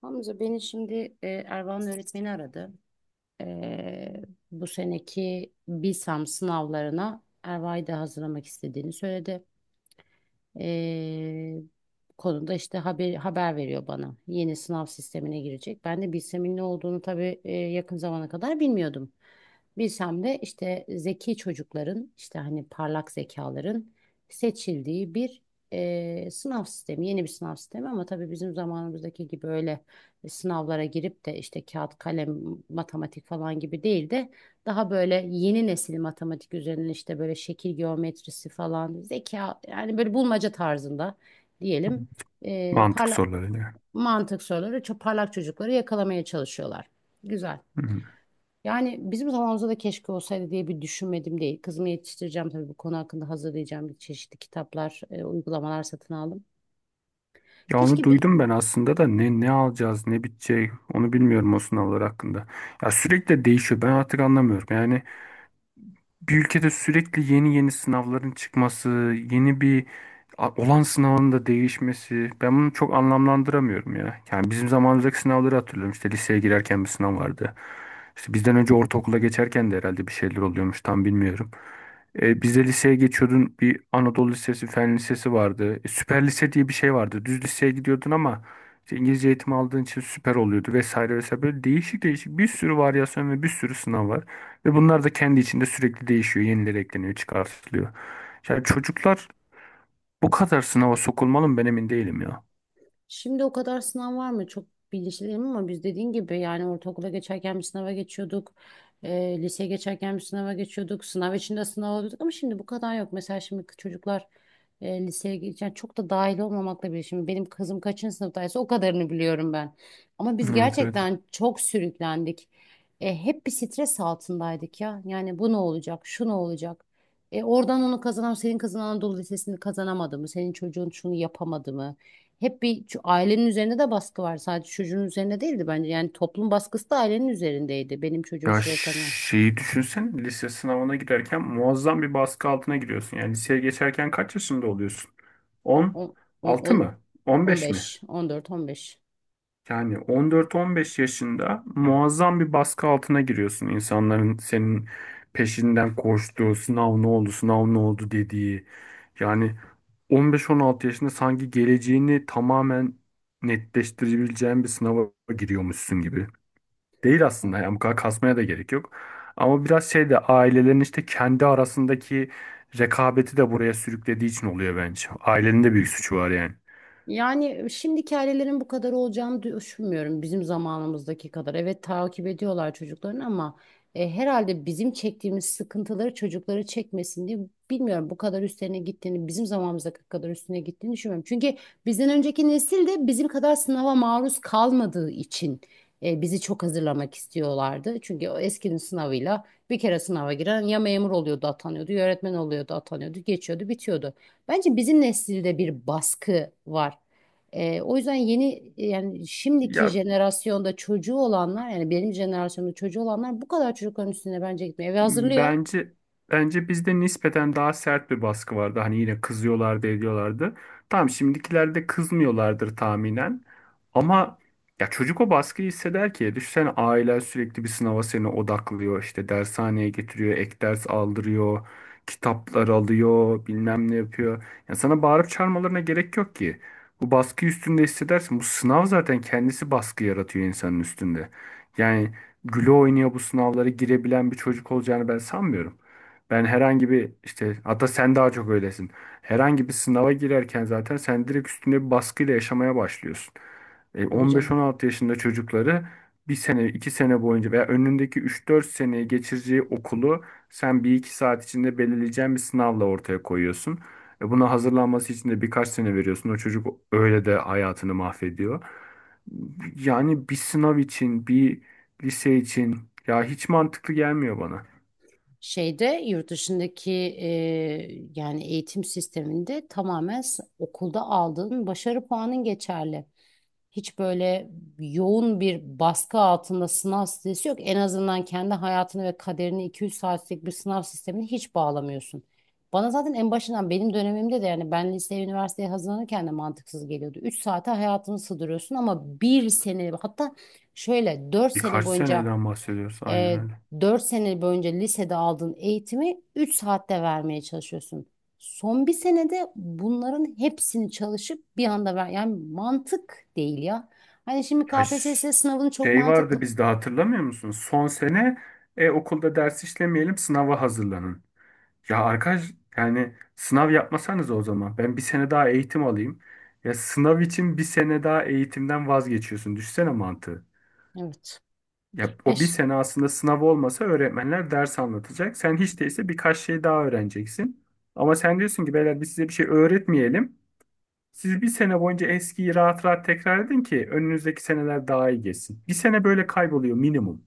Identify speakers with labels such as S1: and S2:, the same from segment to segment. S1: Hamza beni şimdi Ervan öğretmeni aradı. E, Bu seneki BİSAM sınavlarına Erva'yı da hazırlamak istediğini söyledi e, konuda işte haber veriyor bana. Yeni sınav sistemine girecek. Ben de bilsemin ne olduğunu tabii yakın zamana kadar bilmiyordum. Bilsem de işte zeki çocukların işte hani parlak zekaların seçildiği bir sınav sistemi, yeni bir sınav sistemi ama tabii bizim zamanımızdaki gibi öyle sınavlara girip de işte kağıt, kalem, matematik falan gibi değil de daha böyle yeni nesil matematik üzerine işte böyle şekil geometrisi falan zeka yani böyle bulmaca tarzında diyelim e,
S2: Mantık
S1: parla
S2: sorularıyla.
S1: mantık soruları çok parlak çocukları yakalamaya çalışıyorlar. Güzel.
S2: Hı.
S1: Yani bizim zamanımızda da keşke olsaydı diye bir düşünmedim değil. Kızımı yetiştireceğim tabii bu konu hakkında hazırlayacağım bir çeşitli kitaplar, uygulamalar satın aldım.
S2: Ya
S1: Keşke
S2: onu
S1: bi-
S2: duydum ben aslında da ne alacağız ne bitecek onu bilmiyorum o sınavlar hakkında. Ya sürekli değişiyor ben artık anlamıyorum. Yani bir ülkede sürekli yeni yeni sınavların çıkması, yeni bir olan sınavın da değişmesi ben bunu çok anlamlandıramıyorum ya. Yani bizim zamanımızdaki sınavları hatırlıyorum. İşte liseye girerken bir sınav vardı. İşte bizden önce ortaokula geçerken de herhalde bir şeyler oluyormuş tam bilmiyorum. Biz de liseye geçiyordun bir Anadolu Lisesi, Fen Lisesi vardı. Süper lise diye bir şey vardı. Düz liseye gidiyordun ama işte İngilizce eğitimi aldığın için süper oluyordu vesaire vesaire. Böyle değişik değişik bir sürü varyasyon ve bir sürü sınav var. Ve bunlar da kendi içinde sürekli değişiyor, yenileri ekleniyor, çıkartılıyor. Yani çocuklar bu kadar sınava sokulmalı mı ben emin değilim ya.
S1: Şimdi o kadar sınav var mı? Çok bilinçliyim ama biz dediğin gibi yani ortaokula geçerken bir sınava geçiyorduk. Liseye geçerken bir sınava geçiyorduk. Sınav içinde sınav oluyorduk ama şimdi bu kadar yok. Mesela şimdi çocuklar liseye geçen çok da dahil olmamakla bile. Şimdi benim kızım kaçıncı sınıftaysa o kadarını biliyorum ben. Ama biz
S2: Evet, evet.
S1: gerçekten çok sürüklendik. Hep bir stres altındaydık ya. Yani bu ne olacak? Şu ne olacak? Oradan onu kazanan senin kızın Anadolu Lisesi'ni kazanamadı mı? Senin çocuğun şunu yapamadı mı? Hep bir şu ailenin üzerinde de baskı var. Sadece çocuğun üzerinde değildi bence. Yani toplum baskısı da ailenin üzerindeydi. Benim çocuğum
S2: Ya
S1: şuraya kazan.
S2: şeyi düşünsen lise sınavına girerken muazzam bir baskı altına giriyorsun. Yani liseye geçerken kaç yaşında oluyorsun? 10
S1: On
S2: 6
S1: on
S2: mı? On
S1: on
S2: beş mi?
S1: beş, on dört, on beş.
S2: Yani 14-15 yaşında muazzam bir baskı altına giriyorsun. İnsanların senin peşinden koştuğu, sınav ne oldu, sınav ne oldu dediği. Yani 15-16 yaşında sanki geleceğini tamamen netleştirebileceğin bir sınava giriyormuşsun gibi. Değil aslında, yani bu kadar kasmaya da gerek yok. Ama biraz şey de ailelerin işte kendi arasındaki rekabeti de buraya sürüklediği için oluyor bence. Ailenin de büyük suçu var yani.
S1: Yani şimdiki ailelerin bu kadar olacağını düşünmüyorum bizim zamanımızdaki kadar. Evet takip ediyorlar çocuklarını ama herhalde bizim çektiğimiz sıkıntıları çocukları çekmesin diye bilmiyorum bu kadar üstlerine gittiğini, bizim zamanımızdaki kadar üstüne gittiğini düşünmüyorum. Çünkü bizden önceki nesil de bizim kadar sınava maruz kalmadığı için bizi çok hazırlamak istiyorlardı. Çünkü o eskinin sınavıyla bir kere sınava giren ya memur oluyordu atanıyordu, ya öğretmen oluyordu atanıyordu, geçiyordu, bitiyordu. Bence bizim nesilde bir baskı var. O yüzden yeni yani şimdiki
S2: Ya
S1: jenerasyonda çocuğu olanlar yani benim jenerasyonda çocuğu olanlar bu kadar çocukların üstüne bence gitmiyor. Eve hazırlıyor.
S2: bence bence bizde nispeten daha sert bir baskı vardı. Hani yine kızıyorlardı, ediyorlardı. Tamam, şimdikilerde kızmıyorlardır tahminen. Ama ya çocuk o baskıyı hisseder ki. Düşünsene ailen sürekli bir sınava seni odaklıyor. İşte dershaneye getiriyor, ek ders aldırıyor, kitaplar alıyor, bilmem ne yapıyor. Ya sana bağırıp çağırmalarına gerek yok ki. Bu baskıyı üstünde hissedersin. Bu sınav zaten kendisi baskı yaratıyor insanın üstünde. Yani güle oynaya bu sınavlara girebilen bir çocuk olacağını ben sanmıyorum. Ben herhangi bir işte, hatta sen daha çok öylesin. Herhangi bir sınava girerken zaten sen direkt üstünde bir baskıyla yaşamaya başlıyorsun.
S1: Tabii canım.
S2: 15-16 yaşında çocukları bir sene, iki sene boyunca veya önündeki üç dört seneyi geçireceği okulu sen bir iki saat içinde belirleyeceğin bir sınavla ortaya koyuyorsun. Buna hazırlanması için de birkaç sene veriyorsun. O çocuk öyle de hayatını mahvediyor. Yani bir sınav için, bir lise için ya hiç mantıklı gelmiyor bana.
S1: Şeyde yurt dışındaki e, yani eğitim sisteminde tamamen okulda aldığın başarı puanın geçerli. Hiç böyle yoğun bir baskı altında sınav stresi yok. En azından kendi hayatını ve kaderini 2-3 saatlik bir sınav sistemine hiç bağlamıyorsun. Bana zaten en başından benim dönemimde de yani ben liseye, üniversiteye hazırlanırken de mantıksız geliyordu. 3 saate hayatını sığdırıyorsun ama bir sene hatta şöyle 4
S2: Birkaç
S1: sene boyunca
S2: seneden bahsediyoruz aynen
S1: e,
S2: öyle.
S1: 4 sene boyunca lisede aldığın eğitimi 3 saatte vermeye çalışıyorsun. Son bir senede bunların hepsini çalışıp bir anda ver. Yani mantık değil ya. Hani şimdi
S2: Ya ş-
S1: KPSS sınavını çok
S2: Şey vardı
S1: mantıklı.
S2: bizde, hatırlamıyor musun? Son sene okulda ders işlemeyelim, sınava hazırlanın. Ya arkadaş, yani sınav yapmasanız o zaman ben bir sene daha eğitim alayım. Ya sınav için bir sene daha eğitimden vazgeçiyorsun. Düşsene mantığı.
S1: Evet.
S2: Ya o bir
S1: Yaş-
S2: sene aslında sınav olmasa öğretmenler ders anlatacak. Sen hiç değilse birkaç şey daha öğreneceksin. Ama sen diyorsun ki beyler, biz size bir şey öğretmeyelim. Siz bir sene boyunca eskiyi rahat rahat tekrar edin ki önünüzdeki seneler daha iyi geçsin. Bir sene böyle kayboluyor minimum.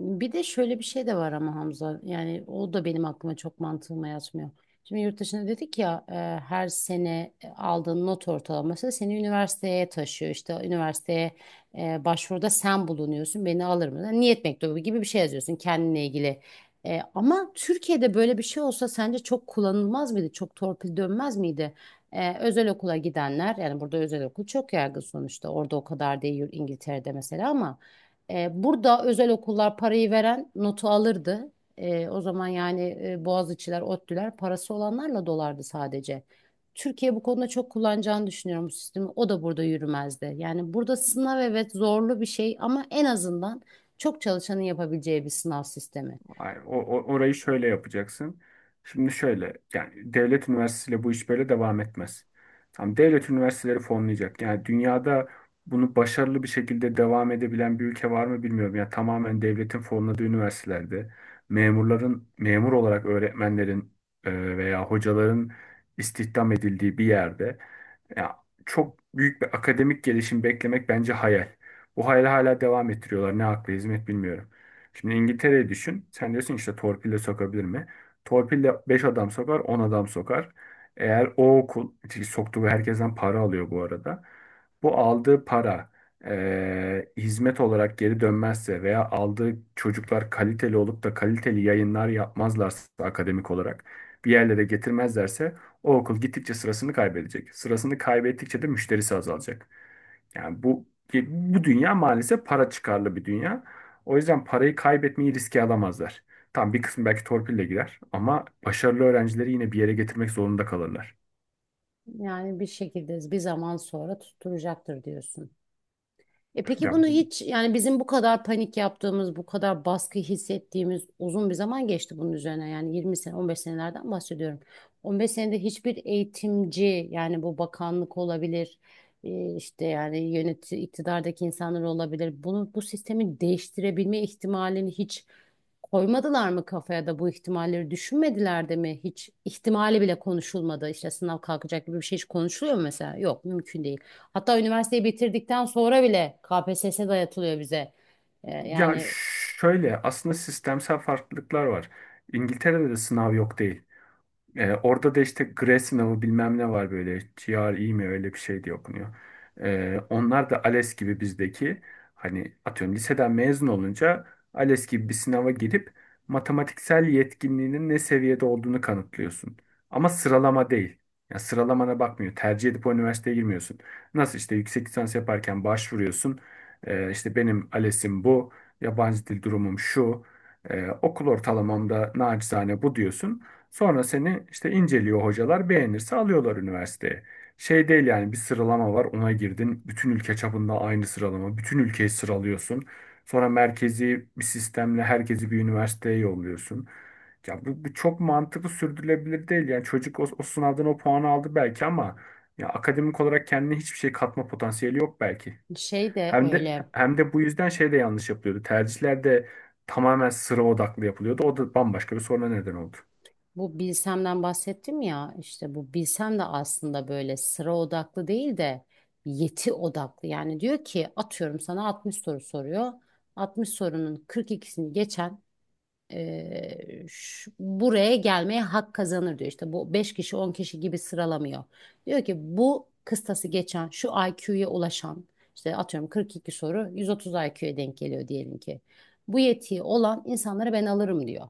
S1: Bir de şöyle bir şey de var ama Hamza yani o da benim aklıma çok mantığıma yatmıyor. Şimdi yurt dışında dedik ya her sene aldığın not ortalaması seni üniversiteye taşıyor. İşte üniversiteye başvuruda sen bulunuyorsun beni alır mı? Yani niyet mektubu gibi bir şey yazıyorsun kendine ilgili. Ama Türkiye'de böyle bir şey olsa sence çok kullanılmaz mıydı? Çok torpil dönmez miydi? Özel okula gidenler yani burada özel okul çok yaygın sonuçta orada o kadar değil İngiltere'de mesela ama. Burada özel okullar parayı veren notu alırdı. O zaman yani Boğaziçi'ler, ODTÜ'ler parası olanlarla dolardı sadece. Türkiye bu konuda çok kullanacağını düşünüyorum bu sistemi. O da burada yürümezdi. Yani burada sınav evet zorlu bir şey ama en azından çok çalışanın yapabileceği bir sınav sistemi.
S2: Hayır, orayı şöyle yapacaksın. Şimdi şöyle, yani devlet üniversitesiyle bu iş böyle devam etmez. Tamam, devlet üniversiteleri fonlayacak. Yani dünyada bunu başarılı bir şekilde devam edebilen bir ülke var mı bilmiyorum. Yani tamamen devletin fonladığı üniversitelerde memurların memur olarak, öğretmenlerin veya hocaların istihdam edildiği bir yerde ya çok büyük bir akademik gelişim beklemek bence hayal. Bu hayali hala devam ettiriyorlar. Ne akla hizmet bilmiyorum. Şimdi İngiltere'yi düşün. Sen diyorsun ki işte torpille sokabilir mi? Torpille 5 adam sokar, 10 adam sokar. Eğer o okul, çünkü soktuğu herkesten para alıyor bu arada. Bu aldığı para hizmet olarak geri dönmezse veya aldığı çocuklar kaliteli olup da kaliteli yayınlar yapmazlarsa, akademik olarak bir yerlere getirmezlerse, o okul gittikçe sırasını kaybedecek. Sırasını kaybettikçe de müşterisi azalacak. Yani bu dünya maalesef para çıkarlı bir dünya. O yüzden parayı kaybetmeyi riske alamazlar. Tam bir kısmı belki torpille girer ama başarılı öğrencileri yine bir yere getirmek zorunda kalırlar.
S1: Yani bir şekilde bir zaman sonra tutturacaktır diyorsun. E peki
S2: Ya,
S1: bunu hiç yani bizim bu kadar panik yaptığımız, bu kadar baskı hissettiğimiz uzun bir zaman geçti bunun üzerine. Yani 20 sene, 15 senelerden bahsediyorum. 15 senede hiçbir eğitimci yani bu bakanlık olabilir, işte yani yönetici iktidardaki insanlar olabilir. Bunu bu sistemi değiştirebilme ihtimalini hiç koymadılar mı kafaya da bu ihtimalleri düşünmediler de mi? Hiç ihtimali bile konuşulmadı. İşte sınav kalkacak gibi bir şey hiç konuşuluyor mu mesela? Yok, mümkün. Hatta üniversiteyi bitirdikten sonra bile KPSS dayatılıyor bize.
S2: ya
S1: Yani
S2: şöyle, aslında sistemsel farklılıklar var. İngiltere'de de sınav yok değil. Orada da işte GRE sınavı bilmem ne var böyle. GRE mi öyle bir şey diye okunuyor. Onlar da ALES gibi bizdeki, hani atıyorum liseden mezun olunca ALES gibi bir sınava girip matematiksel yetkinliğinin ne seviyede olduğunu kanıtlıyorsun. Ama sıralama değil. Yani sıralamana bakmıyor. Tercih edip o üniversiteye girmiyorsun. Nasıl işte yüksek lisans yaparken başvuruyorsun. İşte benim ALES'im bu. Yabancı dil durumum şu. Okul ortalamamda naçizane bu diyorsun. Sonra seni işte inceliyor hocalar, beğenirse alıyorlar üniversiteye. Şey değil yani, bir sıralama var, ona girdin, bütün ülke çapında aynı sıralama, bütün ülkeyi sıralıyorsun. Sonra merkezi bir sistemle herkesi bir üniversiteye yolluyorsun. Ya bu çok mantıklı sürdürülebilir değil, yani çocuk o sınavdan o puanı aldı belki ama ya akademik olarak kendine hiçbir şey katma potansiyeli yok belki.
S1: şey de
S2: Hem de
S1: öyle.
S2: hem de bu yüzden şey de yanlış yapılıyordu. Tercihler de tamamen sıra odaklı yapılıyordu. O da bambaşka bir soruna neden oldu.
S1: Bu Bilsem'den bahsettim ya işte bu Bilsem de aslında böyle sıra odaklı değil de yeti odaklı. Yani diyor ki atıyorum sana 60 soru soruyor. 60 sorunun 42'sini geçen buraya gelmeye hak kazanır diyor. İşte bu 5 kişi 10 kişi gibi sıralamıyor. Diyor ki bu kıstası geçen şu IQ'ya ulaşan işte atıyorum 42 soru 130 IQ'ya denk geliyor diyelim ki. Bu yetiyi olan insanları ben alırım diyor.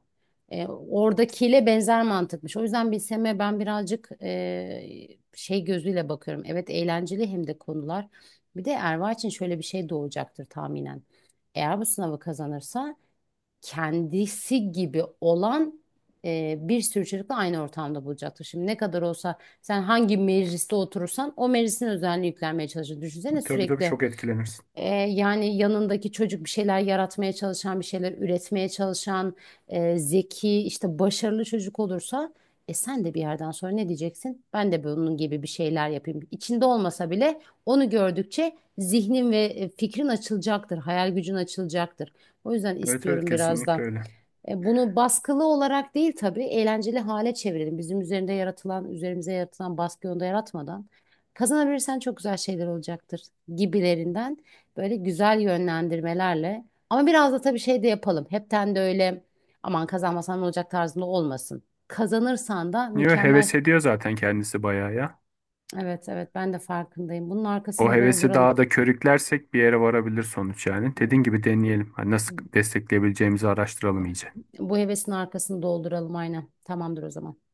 S1: Oradakiyle benzer mantıkmış. O yüzden bilseme ben birazcık şey gözüyle bakıyorum. Evet eğlenceli hem de konular. Bir de Erva için şöyle bir şey doğacaktır tahminen. Eğer bu sınavı kazanırsa kendisi gibi olan bir sürü çocukla aynı ortamda bulacaktır. Şimdi ne kadar olsa sen hangi mecliste oturursan o meclisin özelliğini yüklenmeye çalışır. Düşünsene
S2: Tabii tabii,
S1: sürekli
S2: çok etkilenirsin.
S1: yani yanındaki çocuk bir şeyler yaratmaya çalışan, bir şeyler üretmeye çalışan, zeki, işte başarılı çocuk olursa sen de bir yerden sonra ne diyeceksin? Ben de bunun gibi bir şeyler yapayım. İçinde olmasa bile onu gördükçe zihnin ve fikrin açılacaktır, hayal gücün açılacaktır. O yüzden
S2: Evet evet,
S1: istiyorum biraz
S2: kesinlikle
S1: da.
S2: öyle.
S1: Bunu baskılı olarak değil tabii eğlenceli hale çevirelim. Bizim üzerinde yaratılan, üzerimize yaratılan baskıyı onda yaratmadan kazanabilirsen çok güzel şeyler olacaktır gibilerinden böyle güzel yönlendirmelerle. Ama biraz da tabii şey de yapalım. Hepten de öyle aman kazanmasan ne olacak tarzında olmasın. Kazanırsan da
S2: Niye
S1: mükemmel.
S2: heves ediyor zaten kendisi bayağı ya.
S1: Evet, evet, ben de farkındayım. Bunun
S2: O
S1: arkasını
S2: hevesi
S1: dolduralım.
S2: daha da körüklersek bir yere varabilir sonuç yani. Dediğin gibi deneyelim. Hani nasıl destekleyebileceğimizi araştıralım iyice.
S1: Bu hevesin arkasını dolduralım aynen. Tamamdır o zaman.